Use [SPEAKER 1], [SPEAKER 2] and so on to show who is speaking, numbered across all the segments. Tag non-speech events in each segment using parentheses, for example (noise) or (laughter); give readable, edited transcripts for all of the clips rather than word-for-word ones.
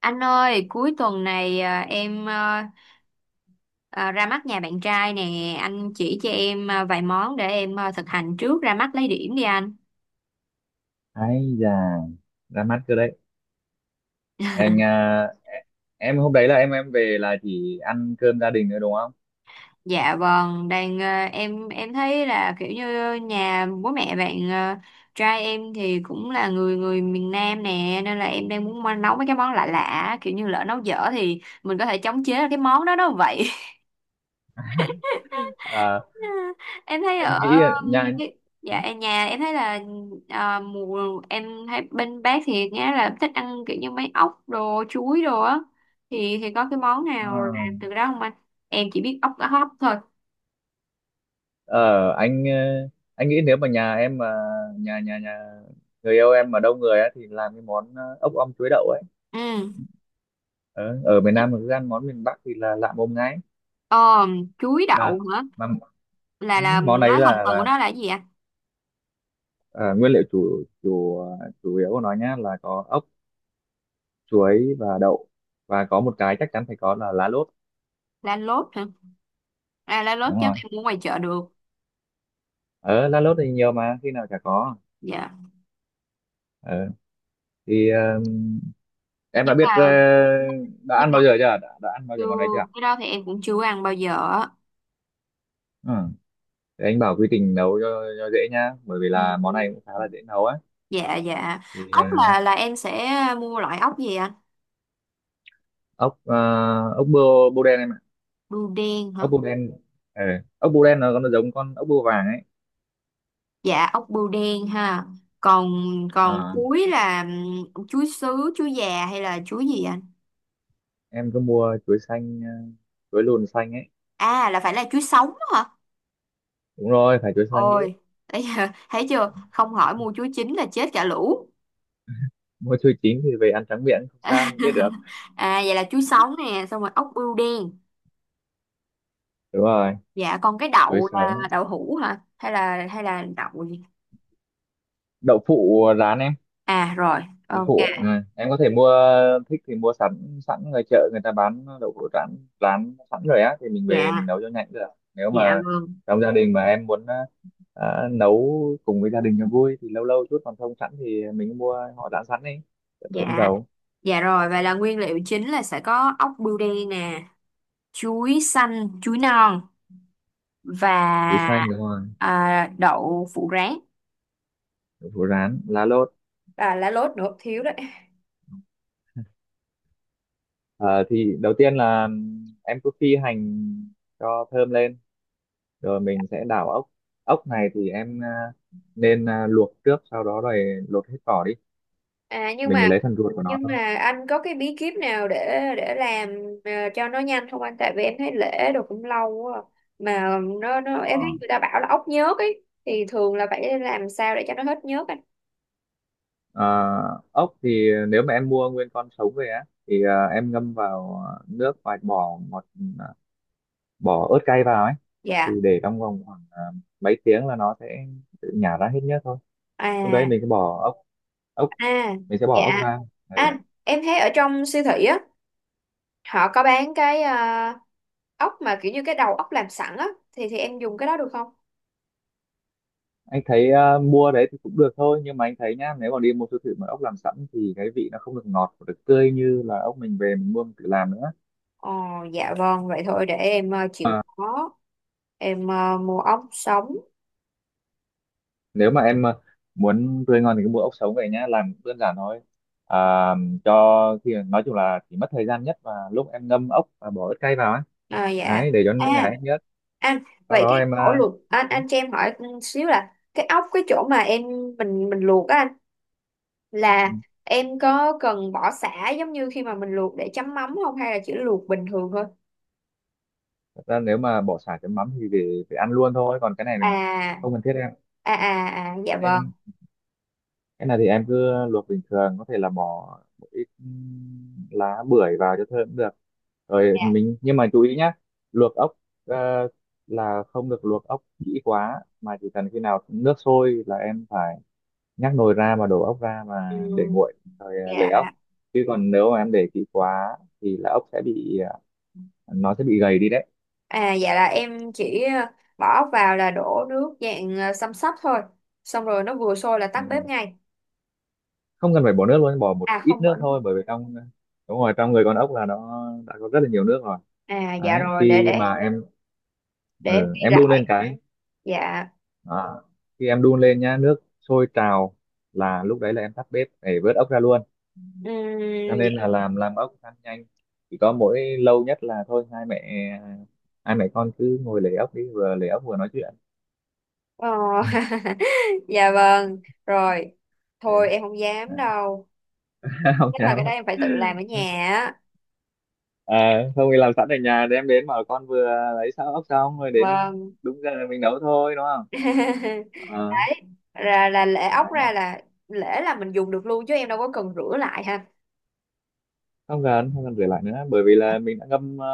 [SPEAKER 1] Anh ơi, cuối tuần này em ra mắt nhà bạn trai nè, anh chỉ cho em vài món để em thực hành trước ra mắt lấy điểm đi anh.
[SPEAKER 2] Ấy già, ra mắt cơ đấy! Anh à,
[SPEAKER 1] (laughs)
[SPEAKER 2] em hôm đấy là em về là chỉ ăn cơm gia đình nữa đúng không?
[SPEAKER 1] Dạ vâng, đang em thấy là kiểu như nhà bố mẹ bạn trai em thì cũng là người người miền Nam nè, nên là em đang muốn nấu mấy cái món lạ lạ, kiểu như lỡ nấu dở thì mình có thể chống chế cái món đó đó vậy.
[SPEAKER 2] À,
[SPEAKER 1] (laughs) Em thấy
[SPEAKER 2] anh
[SPEAKER 1] ở
[SPEAKER 2] nghĩ là nhà
[SPEAKER 1] nhà em thấy là mùa em thấy bên bác thì nghe là thích ăn kiểu như mấy ốc đồ chuối đồ á, thì có cái món
[SPEAKER 2] ờ
[SPEAKER 1] nào làm từ đó không anh? Em chỉ biết ốc cá hấp thôi.
[SPEAKER 2] ờ, anh anh nghĩ nếu mà nhà em mà nhà nhà nhà người yêu em mà đông người á thì làm cái món ốc om chuối đậu ấy.
[SPEAKER 1] Ừ,
[SPEAKER 2] Ờ, ở miền Nam mà cứ ăn món miền Bắc thì là lạ mồm ngay.
[SPEAKER 1] ờ, chuối đậu
[SPEAKER 2] mà
[SPEAKER 1] hả?
[SPEAKER 2] mà
[SPEAKER 1] Là
[SPEAKER 2] món ấy
[SPEAKER 1] nói thành
[SPEAKER 2] là
[SPEAKER 1] phần của
[SPEAKER 2] là
[SPEAKER 1] nó là cái gì ạ?
[SPEAKER 2] ờ, nguyên liệu chủ chủ chủ yếu của nó nhá là có ốc, chuối và đậu, và có một cái chắc chắn phải có là lá lốt.
[SPEAKER 1] Lá lốt hả? À, lá lốt
[SPEAKER 2] Đúng
[SPEAKER 1] chắc
[SPEAKER 2] rồi,
[SPEAKER 1] em mua ngoài chợ được.
[SPEAKER 2] ở La Lốt thì nhiều mà khi nào chả có.
[SPEAKER 1] Dạ.
[SPEAKER 2] ờ thì em đã
[SPEAKER 1] Nhưng
[SPEAKER 2] biết
[SPEAKER 1] mà,
[SPEAKER 2] đã
[SPEAKER 1] nhưng
[SPEAKER 2] ăn
[SPEAKER 1] mà
[SPEAKER 2] bao giờ chưa, đã ăn bao
[SPEAKER 1] chưa,
[SPEAKER 2] giờ món này chưa?
[SPEAKER 1] cái đó thì em cũng chưa ăn bao giờ á.
[SPEAKER 2] Ừ. Thì anh bảo quy trình nấu cho dễ nhá, bởi vì là món
[SPEAKER 1] Ừ.
[SPEAKER 2] này cũng khá là dễ nấu á.
[SPEAKER 1] Dạ dạ.
[SPEAKER 2] Thì
[SPEAKER 1] Ốc là em sẽ mua loại ốc gì anh?
[SPEAKER 2] ốc ờ, ốc bươu bươu đen em ạ.
[SPEAKER 1] Bươu đen hả?
[SPEAKER 2] Ốc bươu đen. ờ, Ốc bươu đen nó giống con ốc bươu vàng ấy.
[SPEAKER 1] Dạ ốc bươu đen ha. Còn, còn
[SPEAKER 2] Ờ,
[SPEAKER 1] chuối là chuối sứ chuối già hay là chuối gì anh?
[SPEAKER 2] em cứ mua chuối xanh, chuối lùn xanh ấy.
[SPEAKER 1] À là phải là chuối sống hả?
[SPEAKER 2] Đúng rồi, phải chuối xanh chứ.
[SPEAKER 1] Ôi, bây giờ thấy chưa không hỏi mua chuối chín là chết cả lũ.
[SPEAKER 2] Mua chuối chín thì về ăn trắng miệng không sao, không chết được.
[SPEAKER 1] (laughs) À vậy là chuối sống nè xong rồi ốc bươu đen.
[SPEAKER 2] Đúng rồi,
[SPEAKER 1] Dạ còn cái
[SPEAKER 2] chuối
[SPEAKER 1] đậu là
[SPEAKER 2] sống.
[SPEAKER 1] đậu hũ hả hay là, hay là đậu gì?
[SPEAKER 2] Đậu phụ rán em.
[SPEAKER 1] À rồi.
[SPEAKER 2] Đậu
[SPEAKER 1] Ok.
[SPEAKER 2] phụ, ừ. Em có thể mua, thích thì mua sẵn sẵn ngoài chợ người ta bán đậu phụ rán, rán sẵn rồi á thì mình về mình
[SPEAKER 1] Dạ.
[SPEAKER 2] nấu cho nhanh cũng được. Nếu
[SPEAKER 1] Dạ
[SPEAKER 2] mà
[SPEAKER 1] vâng.
[SPEAKER 2] trong gia đình mà em muốn nấu cùng với gia đình cho vui thì lâu lâu chút, còn không sẵn thì mình mua họ rán sẵn đi. Đậu hũ
[SPEAKER 1] Dạ.
[SPEAKER 2] dầu.
[SPEAKER 1] Dạ rồi, vậy là nguyên liệu chính là sẽ có ốc bươu đen nè, chuối xanh, chuối non
[SPEAKER 2] Chuối
[SPEAKER 1] và
[SPEAKER 2] xanh đúng rồi.
[SPEAKER 1] đậu phụ rán.
[SPEAKER 2] Đậu phụ rán, lá lốt.
[SPEAKER 1] À, lá lốt nữa thiếu đấy.
[SPEAKER 2] Ờ, thì đầu tiên là em cứ phi hành cho thơm lên rồi mình sẽ đảo ốc. Ốc này thì em nên luộc trước, sau đó rồi lột hết vỏ đi,
[SPEAKER 1] À nhưng
[SPEAKER 2] mình chỉ
[SPEAKER 1] mà,
[SPEAKER 2] lấy phần ruột của nó
[SPEAKER 1] nhưng
[SPEAKER 2] thôi.
[SPEAKER 1] mà anh có cái bí kíp nào để làm cho nó nhanh không anh? Tại vì em thấy lễ đồ cũng lâu quá. À. Mà nó em thấy
[SPEAKER 2] Ờ.
[SPEAKER 1] người ta bảo là ốc nhớt ấy thì thường là phải làm sao để cho nó hết nhớt anh?
[SPEAKER 2] Ờ, ốc thì nếu mà em mua nguyên con sống về á thì em ngâm vào nước và bỏ ớt cay vào ấy, thì
[SPEAKER 1] Dạ.
[SPEAKER 2] để trong vòng khoảng mấy tiếng là nó sẽ tự nhả ra hết nước thôi. Lúc đấy
[SPEAKER 1] À,
[SPEAKER 2] mình sẽ ốc
[SPEAKER 1] à
[SPEAKER 2] bỏ ốc
[SPEAKER 1] dạ.
[SPEAKER 2] ra. Ừ.
[SPEAKER 1] Anh, em thấy ở trong siêu thị á, họ có bán cái ốc mà kiểu như cái đầu ốc làm sẵn á, thì em dùng cái đó được không?
[SPEAKER 2] Anh thấy mua đấy thì cũng được thôi, nhưng mà anh thấy nhá, nếu mà đi mua siêu thị mà ốc làm sẵn thì cái vị nó không được ngọt và được tươi như là ốc mình về mình mua mình tự làm nữa.
[SPEAKER 1] Ồ dạ vâng, vậy thôi để em chịu
[SPEAKER 2] À,
[SPEAKER 1] khó, em mua ốc sống.
[SPEAKER 2] nếu mà em muốn tươi ngon thì cứ mua ốc sống về nhá, làm cũng đơn giản thôi. À, cho thì nói chung là chỉ mất thời gian nhất và lúc em ngâm ốc và bỏ ớt cay vào ấy,
[SPEAKER 1] À, dạ.
[SPEAKER 2] đấy, để cho nó
[SPEAKER 1] À
[SPEAKER 2] nhái nhất.
[SPEAKER 1] anh
[SPEAKER 2] Sau
[SPEAKER 1] vậy
[SPEAKER 2] đó
[SPEAKER 1] cái
[SPEAKER 2] em
[SPEAKER 1] ổ luộc anh,
[SPEAKER 2] ừ,
[SPEAKER 1] cho em hỏi xíu là cái ốc cái chỗ mà em, mình luộc á anh,
[SPEAKER 2] ừ.
[SPEAKER 1] là em có cần bỏ sả giống như khi mà mình luộc để chấm mắm không hay là chỉ luộc bình thường thôi?
[SPEAKER 2] Thật ra nếu mà bỏ sả chấm mắm thì để ăn luôn thôi, còn cái này là
[SPEAKER 1] À
[SPEAKER 2] không cần thiết em.
[SPEAKER 1] à
[SPEAKER 2] Ừ.
[SPEAKER 1] à, à dạ vâng.
[SPEAKER 2] Em, cái này thì em cứ luộc bình thường, có thể là bỏ một ít lá bưởi vào cho thơm cũng được. Rồi
[SPEAKER 1] Dạ.
[SPEAKER 2] nhưng mà chú ý nhá, luộc ốc ờ, là không được luộc ốc kỹ quá, mà chỉ cần khi nào nước sôi là em phải nhắc nồi ra mà đổ ốc ra mà để
[SPEAKER 1] Ừ,
[SPEAKER 2] nguội, rồi lấy ốc.
[SPEAKER 1] dạ.
[SPEAKER 2] Chứ còn nếu mà em để kỹ quá thì là ốc sẽ bị nó sẽ bị gầy đi đấy.
[SPEAKER 1] À dạ là em chỉ bỏ vào là đổ nước dạng xăm sắp thôi. Xong rồi nó vừa sôi là tắt
[SPEAKER 2] Đúng
[SPEAKER 1] bếp
[SPEAKER 2] rồi.
[SPEAKER 1] ngay.
[SPEAKER 2] Không cần phải bỏ nước luôn, bỏ một
[SPEAKER 1] À
[SPEAKER 2] ít
[SPEAKER 1] không bỏ
[SPEAKER 2] nước
[SPEAKER 1] nước.
[SPEAKER 2] thôi, bởi vì trong. Đúng rồi, trong người con ốc là nó đã có rất là nhiều nước rồi.
[SPEAKER 1] À dạ
[SPEAKER 2] Đấy,
[SPEAKER 1] rồi để
[SPEAKER 2] khi
[SPEAKER 1] để
[SPEAKER 2] mà em
[SPEAKER 1] để em
[SPEAKER 2] ừ,
[SPEAKER 1] ghi
[SPEAKER 2] em đun lên
[SPEAKER 1] lại.
[SPEAKER 2] cái
[SPEAKER 1] Dạ.
[SPEAKER 2] đó. Khi em đun lên nhá, nước sôi trào là lúc đấy là em tắt bếp để vớt ốc ra luôn. Cho
[SPEAKER 1] Ừm,
[SPEAKER 2] nên là
[SPEAKER 1] dạ.
[SPEAKER 2] làm ốc ăn nhanh, chỉ có mỗi lâu nhất là thôi, hai mẹ con cứ ngồi lấy ốc đi, vừa lấy ốc vừa nói chuyện.
[SPEAKER 1] Ờ,
[SPEAKER 2] Ừ.
[SPEAKER 1] (laughs) dạ vâng. Rồi.
[SPEAKER 2] Ừ.
[SPEAKER 1] Thôi em không dám
[SPEAKER 2] Đấy.
[SPEAKER 1] đâu.
[SPEAKER 2] (laughs) Không
[SPEAKER 1] Chắc là cái
[SPEAKER 2] dám
[SPEAKER 1] đó
[SPEAKER 2] đâu.
[SPEAKER 1] em phải tự làm ở nhà á.
[SPEAKER 2] À, không thì làm sẵn ở nhà đem đến, mà con vừa lấy xong ốc xong rồi đến
[SPEAKER 1] Vâng.
[SPEAKER 2] đúng giờ mình nấu thôi đúng không?
[SPEAKER 1] (laughs)
[SPEAKER 2] Ờ,
[SPEAKER 1] Đấy. Là lễ ốc
[SPEAKER 2] Đấy.
[SPEAKER 1] ra là lễ là mình dùng được luôn chứ em đâu có cần rửa lại ha.
[SPEAKER 2] Không cần rửa lại nữa bởi vì là mình đã ngâm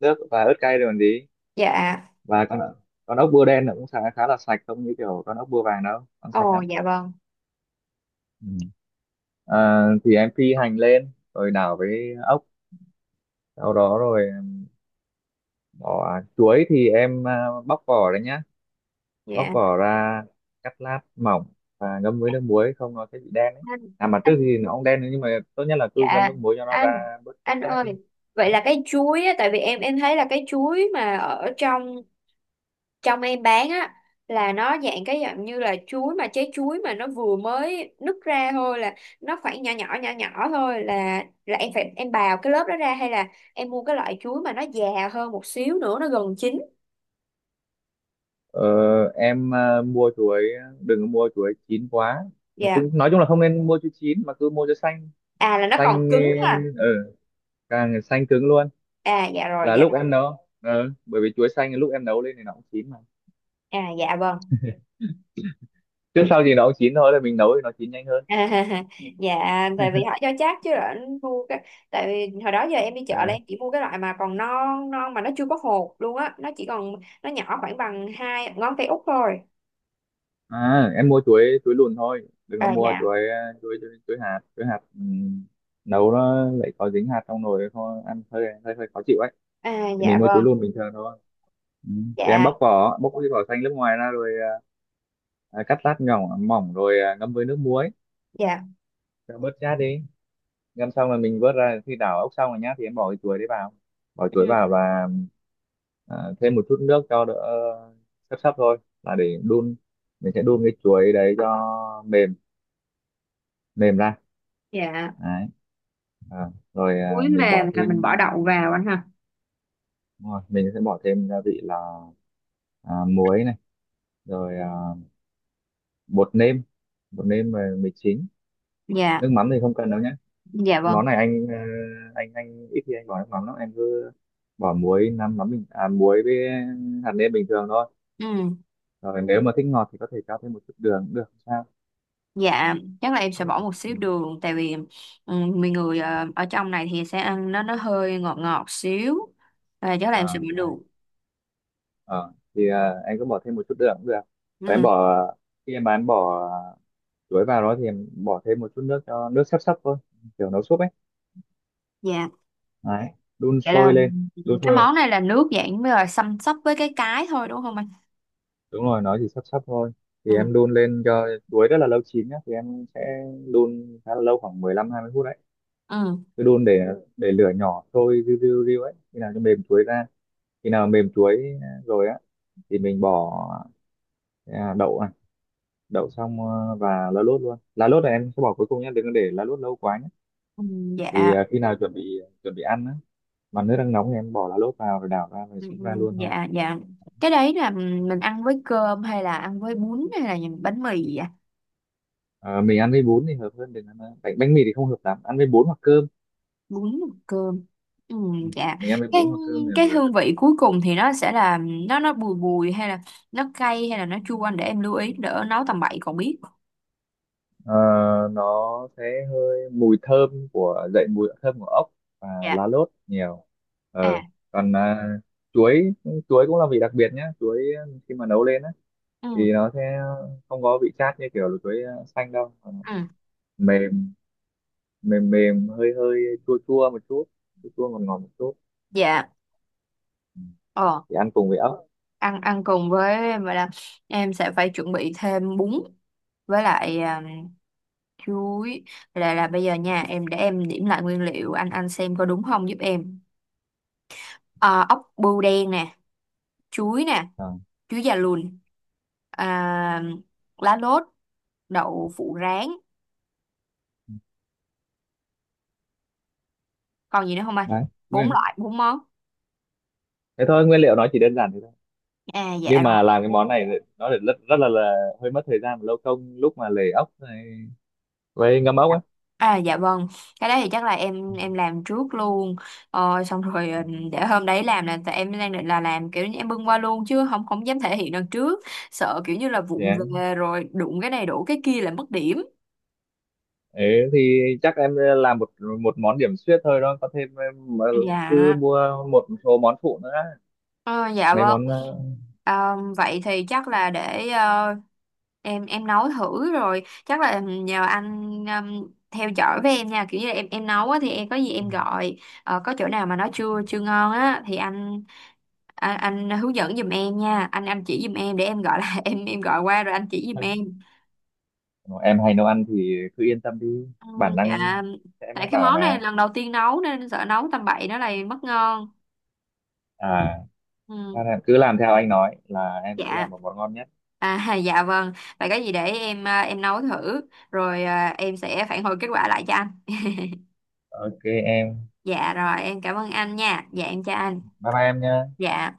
[SPEAKER 2] nước và ớt cay rồi còn gì.
[SPEAKER 1] Dạ.
[SPEAKER 2] Và con ốc bươu đen nó cũng khá khá là sạch, không như kiểu con ốc bươu vàng đâu ăn sạch
[SPEAKER 1] Ồ
[SPEAKER 2] lắm.
[SPEAKER 1] dạ vâng.
[SPEAKER 2] Ừ. À, thì em phi hành lên rồi đảo với ốc, sau đó rồi bỏ chuối thì em bóc vỏ đấy nhá, bóc
[SPEAKER 1] Dạ.
[SPEAKER 2] vỏ ra, cắt lát mỏng và ngâm với nước muối, không nó sẽ bị đen đấy. À mà trước
[SPEAKER 1] Anh-,
[SPEAKER 2] thì nó cũng đen, nhưng mà tốt nhất là cứ ngâm
[SPEAKER 1] dạ
[SPEAKER 2] nước muối cho nó
[SPEAKER 1] anh
[SPEAKER 2] ra bớt chất
[SPEAKER 1] anh
[SPEAKER 2] cát
[SPEAKER 1] ơi,
[SPEAKER 2] đi.
[SPEAKER 1] vậy là cái chuối á, tại vì em thấy là cái chuối mà ở trong, trong em bán á, là nó dạng cái dạng như là chuối mà trái chuối mà nó vừa mới nứt ra thôi, là nó khoảng nhỏ nhỏ nhỏ nhỏ thôi, là em phải em bào cái lớp đó ra hay là em mua cái loại chuối mà nó già hơn một xíu nữa nó gần chín.
[SPEAKER 2] ờ, em mua chuối, đừng có mua chuối chín quá. Mà
[SPEAKER 1] Dạ.
[SPEAKER 2] cũng nói chung là không nên mua chuối chín mà cứ mua chuối xanh.
[SPEAKER 1] À là nó còn
[SPEAKER 2] Xanh,
[SPEAKER 1] cứng ha.
[SPEAKER 2] ờ, càng xanh cứng luôn.
[SPEAKER 1] À dạ rồi
[SPEAKER 2] Là
[SPEAKER 1] dạ.
[SPEAKER 2] lúc em nấu bởi vì chuối xanh lúc em nấu lên thì nó cũng chín mà,
[SPEAKER 1] À dạ vâng.
[SPEAKER 2] trước sau gì nó cũng chín thôi, là mình nấu thì nó chín nhanh hơn.
[SPEAKER 1] À, (laughs) dạ, tại vì họ cho chắc chứ là anh mua cái, tại vì hồi đó giờ em đi chợ là
[SPEAKER 2] Ừ.
[SPEAKER 1] em chỉ mua cái loại mà còn non non mà nó chưa có hột luôn á, nó chỉ còn, nó nhỏ khoảng bằng hai ngón tay út thôi.
[SPEAKER 2] À em mua chuối chuối lùn thôi, đừng có
[SPEAKER 1] À
[SPEAKER 2] mua
[SPEAKER 1] dạ.
[SPEAKER 2] chuối hạt, nấu nó lại có dính hạt trong nồi thôi, ăn hơi hơi hơi khó chịu ấy.
[SPEAKER 1] À
[SPEAKER 2] Thì mình
[SPEAKER 1] dạ
[SPEAKER 2] mua chuối
[SPEAKER 1] vâng.
[SPEAKER 2] lùn bình thường thôi. Ừ. Thì em
[SPEAKER 1] Dạ.
[SPEAKER 2] bóc cái vỏ xanh lớp ngoài ra rồi cắt lát nhỏ mỏng rồi ngâm với nước muối,
[SPEAKER 1] Dạ.
[SPEAKER 2] cho bớt chát đi. Ngâm xong là mình vớt ra, khi đảo ốc xong rồi nhá thì em bỏ cái chuối đấy vào, bỏ chuối
[SPEAKER 1] Ừ,
[SPEAKER 2] vào và thêm một chút nước cho đỡ, sấp sấp thôi, là để đun, mình sẽ đun cái chuối đấy cho mềm mềm ra
[SPEAKER 1] dạ.
[SPEAKER 2] đấy. Rồi
[SPEAKER 1] Chuối
[SPEAKER 2] mình bỏ
[SPEAKER 1] mềm là mình bỏ
[SPEAKER 2] thêm.
[SPEAKER 1] đậu vào anh ha.
[SPEAKER 2] Đúng rồi, mình sẽ bỏ thêm gia vị là muối này, rồi bột nêm, bột nêm và mì chính.
[SPEAKER 1] Dạ.
[SPEAKER 2] Nước mắm thì không cần đâu nhé.
[SPEAKER 1] Dạ
[SPEAKER 2] Món
[SPEAKER 1] vâng.
[SPEAKER 2] này anh ít khi anh bỏ nước mắm lắm, em cứ bỏ muối nắm mắm bình muối với hạt nêm bình thường thôi.
[SPEAKER 1] Ừ,
[SPEAKER 2] Rồi nếu mà thích ngọt thì có thể cho thêm một chút đường cũng được không sao.
[SPEAKER 1] dạ, chắc là em sẽ bỏ một
[SPEAKER 2] Ừ.
[SPEAKER 1] xíu đường, tại vì ừ, mình người ở trong này thì sẽ ăn nó hơi ngọt ngọt xíu, à, chắc là em sẽ
[SPEAKER 2] à,
[SPEAKER 1] bỏ đường.
[SPEAKER 2] Ờ, thì em cứ bỏ thêm một chút đường cũng được. Và em
[SPEAKER 1] Ừ,
[SPEAKER 2] bỏ khi em bán bỏ chuối vào đó thì em bỏ thêm một chút nước cho nước sắp sắp thôi, kiểu nấu súp ấy.
[SPEAKER 1] dạ.
[SPEAKER 2] Đấy, đun
[SPEAKER 1] Vậy là
[SPEAKER 2] sôi lên. Đun
[SPEAKER 1] cái
[SPEAKER 2] sôi.
[SPEAKER 1] món này là nước dạng với rồi xăm xắp với cái thôi đúng không anh?
[SPEAKER 2] Đúng rồi, nó chỉ sắp sắp thôi. Thì em
[SPEAKER 1] Ừ,
[SPEAKER 2] đun lên cho chuối rất là lâu chín nhá, thì em sẽ đun khá là lâu khoảng 15-20 phút đấy.
[SPEAKER 1] ừ,
[SPEAKER 2] Cứ đun, để lửa nhỏ sôi riu riu riu ấy, khi nào cho mềm chuối ra. Khi nào mềm chuối rồi á thì mình bỏ đậu này, đậu xong và lá lốt luôn. Lá lốt này em sẽ bỏ cuối cùng nhé, đừng có để lá lốt lâu quá.
[SPEAKER 1] ừ,
[SPEAKER 2] Thì
[SPEAKER 1] dạ,
[SPEAKER 2] khi nào chuẩn bị ăn á, mà nước đang nóng thì em bỏ lá lốt vào rồi đảo ra rồi
[SPEAKER 1] ừ,
[SPEAKER 2] xúc
[SPEAKER 1] ừ,
[SPEAKER 2] ra luôn thôi.
[SPEAKER 1] dạ, dạ. Cái đấy là
[SPEAKER 2] Ừ.
[SPEAKER 1] mình ăn với cơm hay là ăn với bún hay là những bánh mì vậy ạ?
[SPEAKER 2] Ờ, mình ăn với bún thì hợp hơn, đừng ăn bánh bánh mì thì không hợp lắm, ăn với bún hoặc cơm.
[SPEAKER 1] Bún và cơm. Ừ,
[SPEAKER 2] Ừ.
[SPEAKER 1] dạ.
[SPEAKER 2] Mình ăn với
[SPEAKER 1] Cái
[SPEAKER 2] bún hoặc cơm thì
[SPEAKER 1] cái
[SPEAKER 2] vừa.
[SPEAKER 1] hương vị cuối cùng thì nó sẽ là nó bùi bùi hay là nó cay hay là nó chua anh, để em lưu ý đỡ nấu tầm bậy còn biết.
[SPEAKER 2] Ờ, nó sẽ hơi mùi thơm của dậy, mùi thơm của ốc và
[SPEAKER 1] Dạ.
[SPEAKER 2] lá lốt nhiều.
[SPEAKER 1] À.
[SPEAKER 2] Ờ. Còn chuối chuối cũng là vị đặc biệt nhá, chuối khi mà nấu lên á,
[SPEAKER 1] Ừ.
[SPEAKER 2] thì nó sẽ không có vị chát như kiểu là chuối xanh đâu.
[SPEAKER 1] Ừ.
[SPEAKER 2] Mềm mềm mềm hơi hơi chua chua một chút, chua chua ngọt ngọt một chút.
[SPEAKER 1] Dạ.
[SPEAKER 2] Ừ.
[SPEAKER 1] Ờ.
[SPEAKER 2] Thì ăn cùng với ốc.
[SPEAKER 1] Ăn, ăn cùng với em, vậy là em sẽ phải chuẩn bị thêm bún với lại chuối là bây giờ nha, em để em điểm lại nguyên liệu, anh, xem có đúng không giúp em. À, ốc bươu đen nè, chuối nè,
[SPEAKER 2] Ờ.
[SPEAKER 1] chuối già lùn, à, lá lốt, đậu phụ rán, còn gì nữa không anh?
[SPEAKER 2] Đấy.
[SPEAKER 1] Bốn
[SPEAKER 2] Nguyên-
[SPEAKER 1] loại bốn món.
[SPEAKER 2] Thế thôi, nguyên liệu nó chỉ đơn giản thế thôi,
[SPEAKER 1] À dạ
[SPEAKER 2] nhưng
[SPEAKER 1] rồi.
[SPEAKER 2] mà làm cái món này thì nó lại rất rất là hơi mất thời gian và lâu công, lúc mà lề ốc này với ngâm ốc ấy.
[SPEAKER 1] À dạ vâng, cái đấy thì chắc là em
[SPEAKER 2] Ừ.
[SPEAKER 1] em làm trước luôn. Ờ, xong rồi ừ, để hôm đấy làm là tại em đang định là làm kiểu như em bưng qua luôn chứ không, không dám thể hiện đằng trước, sợ kiểu như là vụng
[SPEAKER 2] Yeah.
[SPEAKER 1] về rồi đụng cái này đổ cái kia là mất điểm.
[SPEAKER 2] Đấy, thì chắc em làm một một món điểm xuyết thôi đó, có thêm em, mà cứ
[SPEAKER 1] Dạ.
[SPEAKER 2] mua một số món phụ nữa,
[SPEAKER 1] Ờ, dạ
[SPEAKER 2] mấy
[SPEAKER 1] vâng.
[SPEAKER 2] món
[SPEAKER 1] Ờ, vậy thì chắc là để em nấu thử rồi chắc là nhờ anh theo dõi với em nha, kiểu như là em nấu á, thì em có gì em gọi. Ờ, có chỗ nào mà nó chưa, chưa ngon á thì anh, anh hướng dẫn giùm em nha, anh, chỉ giùm em để em gọi là (laughs) em gọi qua rồi anh chỉ giùm em.
[SPEAKER 2] em hay nấu ăn thì cứ yên tâm đi,
[SPEAKER 1] Ừ,
[SPEAKER 2] bản
[SPEAKER 1] dạ,
[SPEAKER 2] năng sẽ
[SPEAKER 1] tại
[SPEAKER 2] mách
[SPEAKER 1] cái
[SPEAKER 2] bảo
[SPEAKER 1] món này
[SPEAKER 2] mà.
[SPEAKER 1] lần đầu tiên nấu nên sợ nấu tầm bậy nó lại mất ngon.
[SPEAKER 2] À.
[SPEAKER 1] Ừ.
[SPEAKER 2] Nên em cứ làm theo anh nói là em sẽ làm
[SPEAKER 1] Dạ.
[SPEAKER 2] một món ngon nhất.
[SPEAKER 1] À, (laughs) dạ vâng. Vậy có gì để em em nấu thử rồi em sẽ phản hồi kết quả lại cho anh.
[SPEAKER 2] Ok em.
[SPEAKER 1] Dạ rồi, em cảm ơn anh nha. Dạ em chào anh.
[SPEAKER 2] Bye bye em nha.
[SPEAKER 1] Dạ.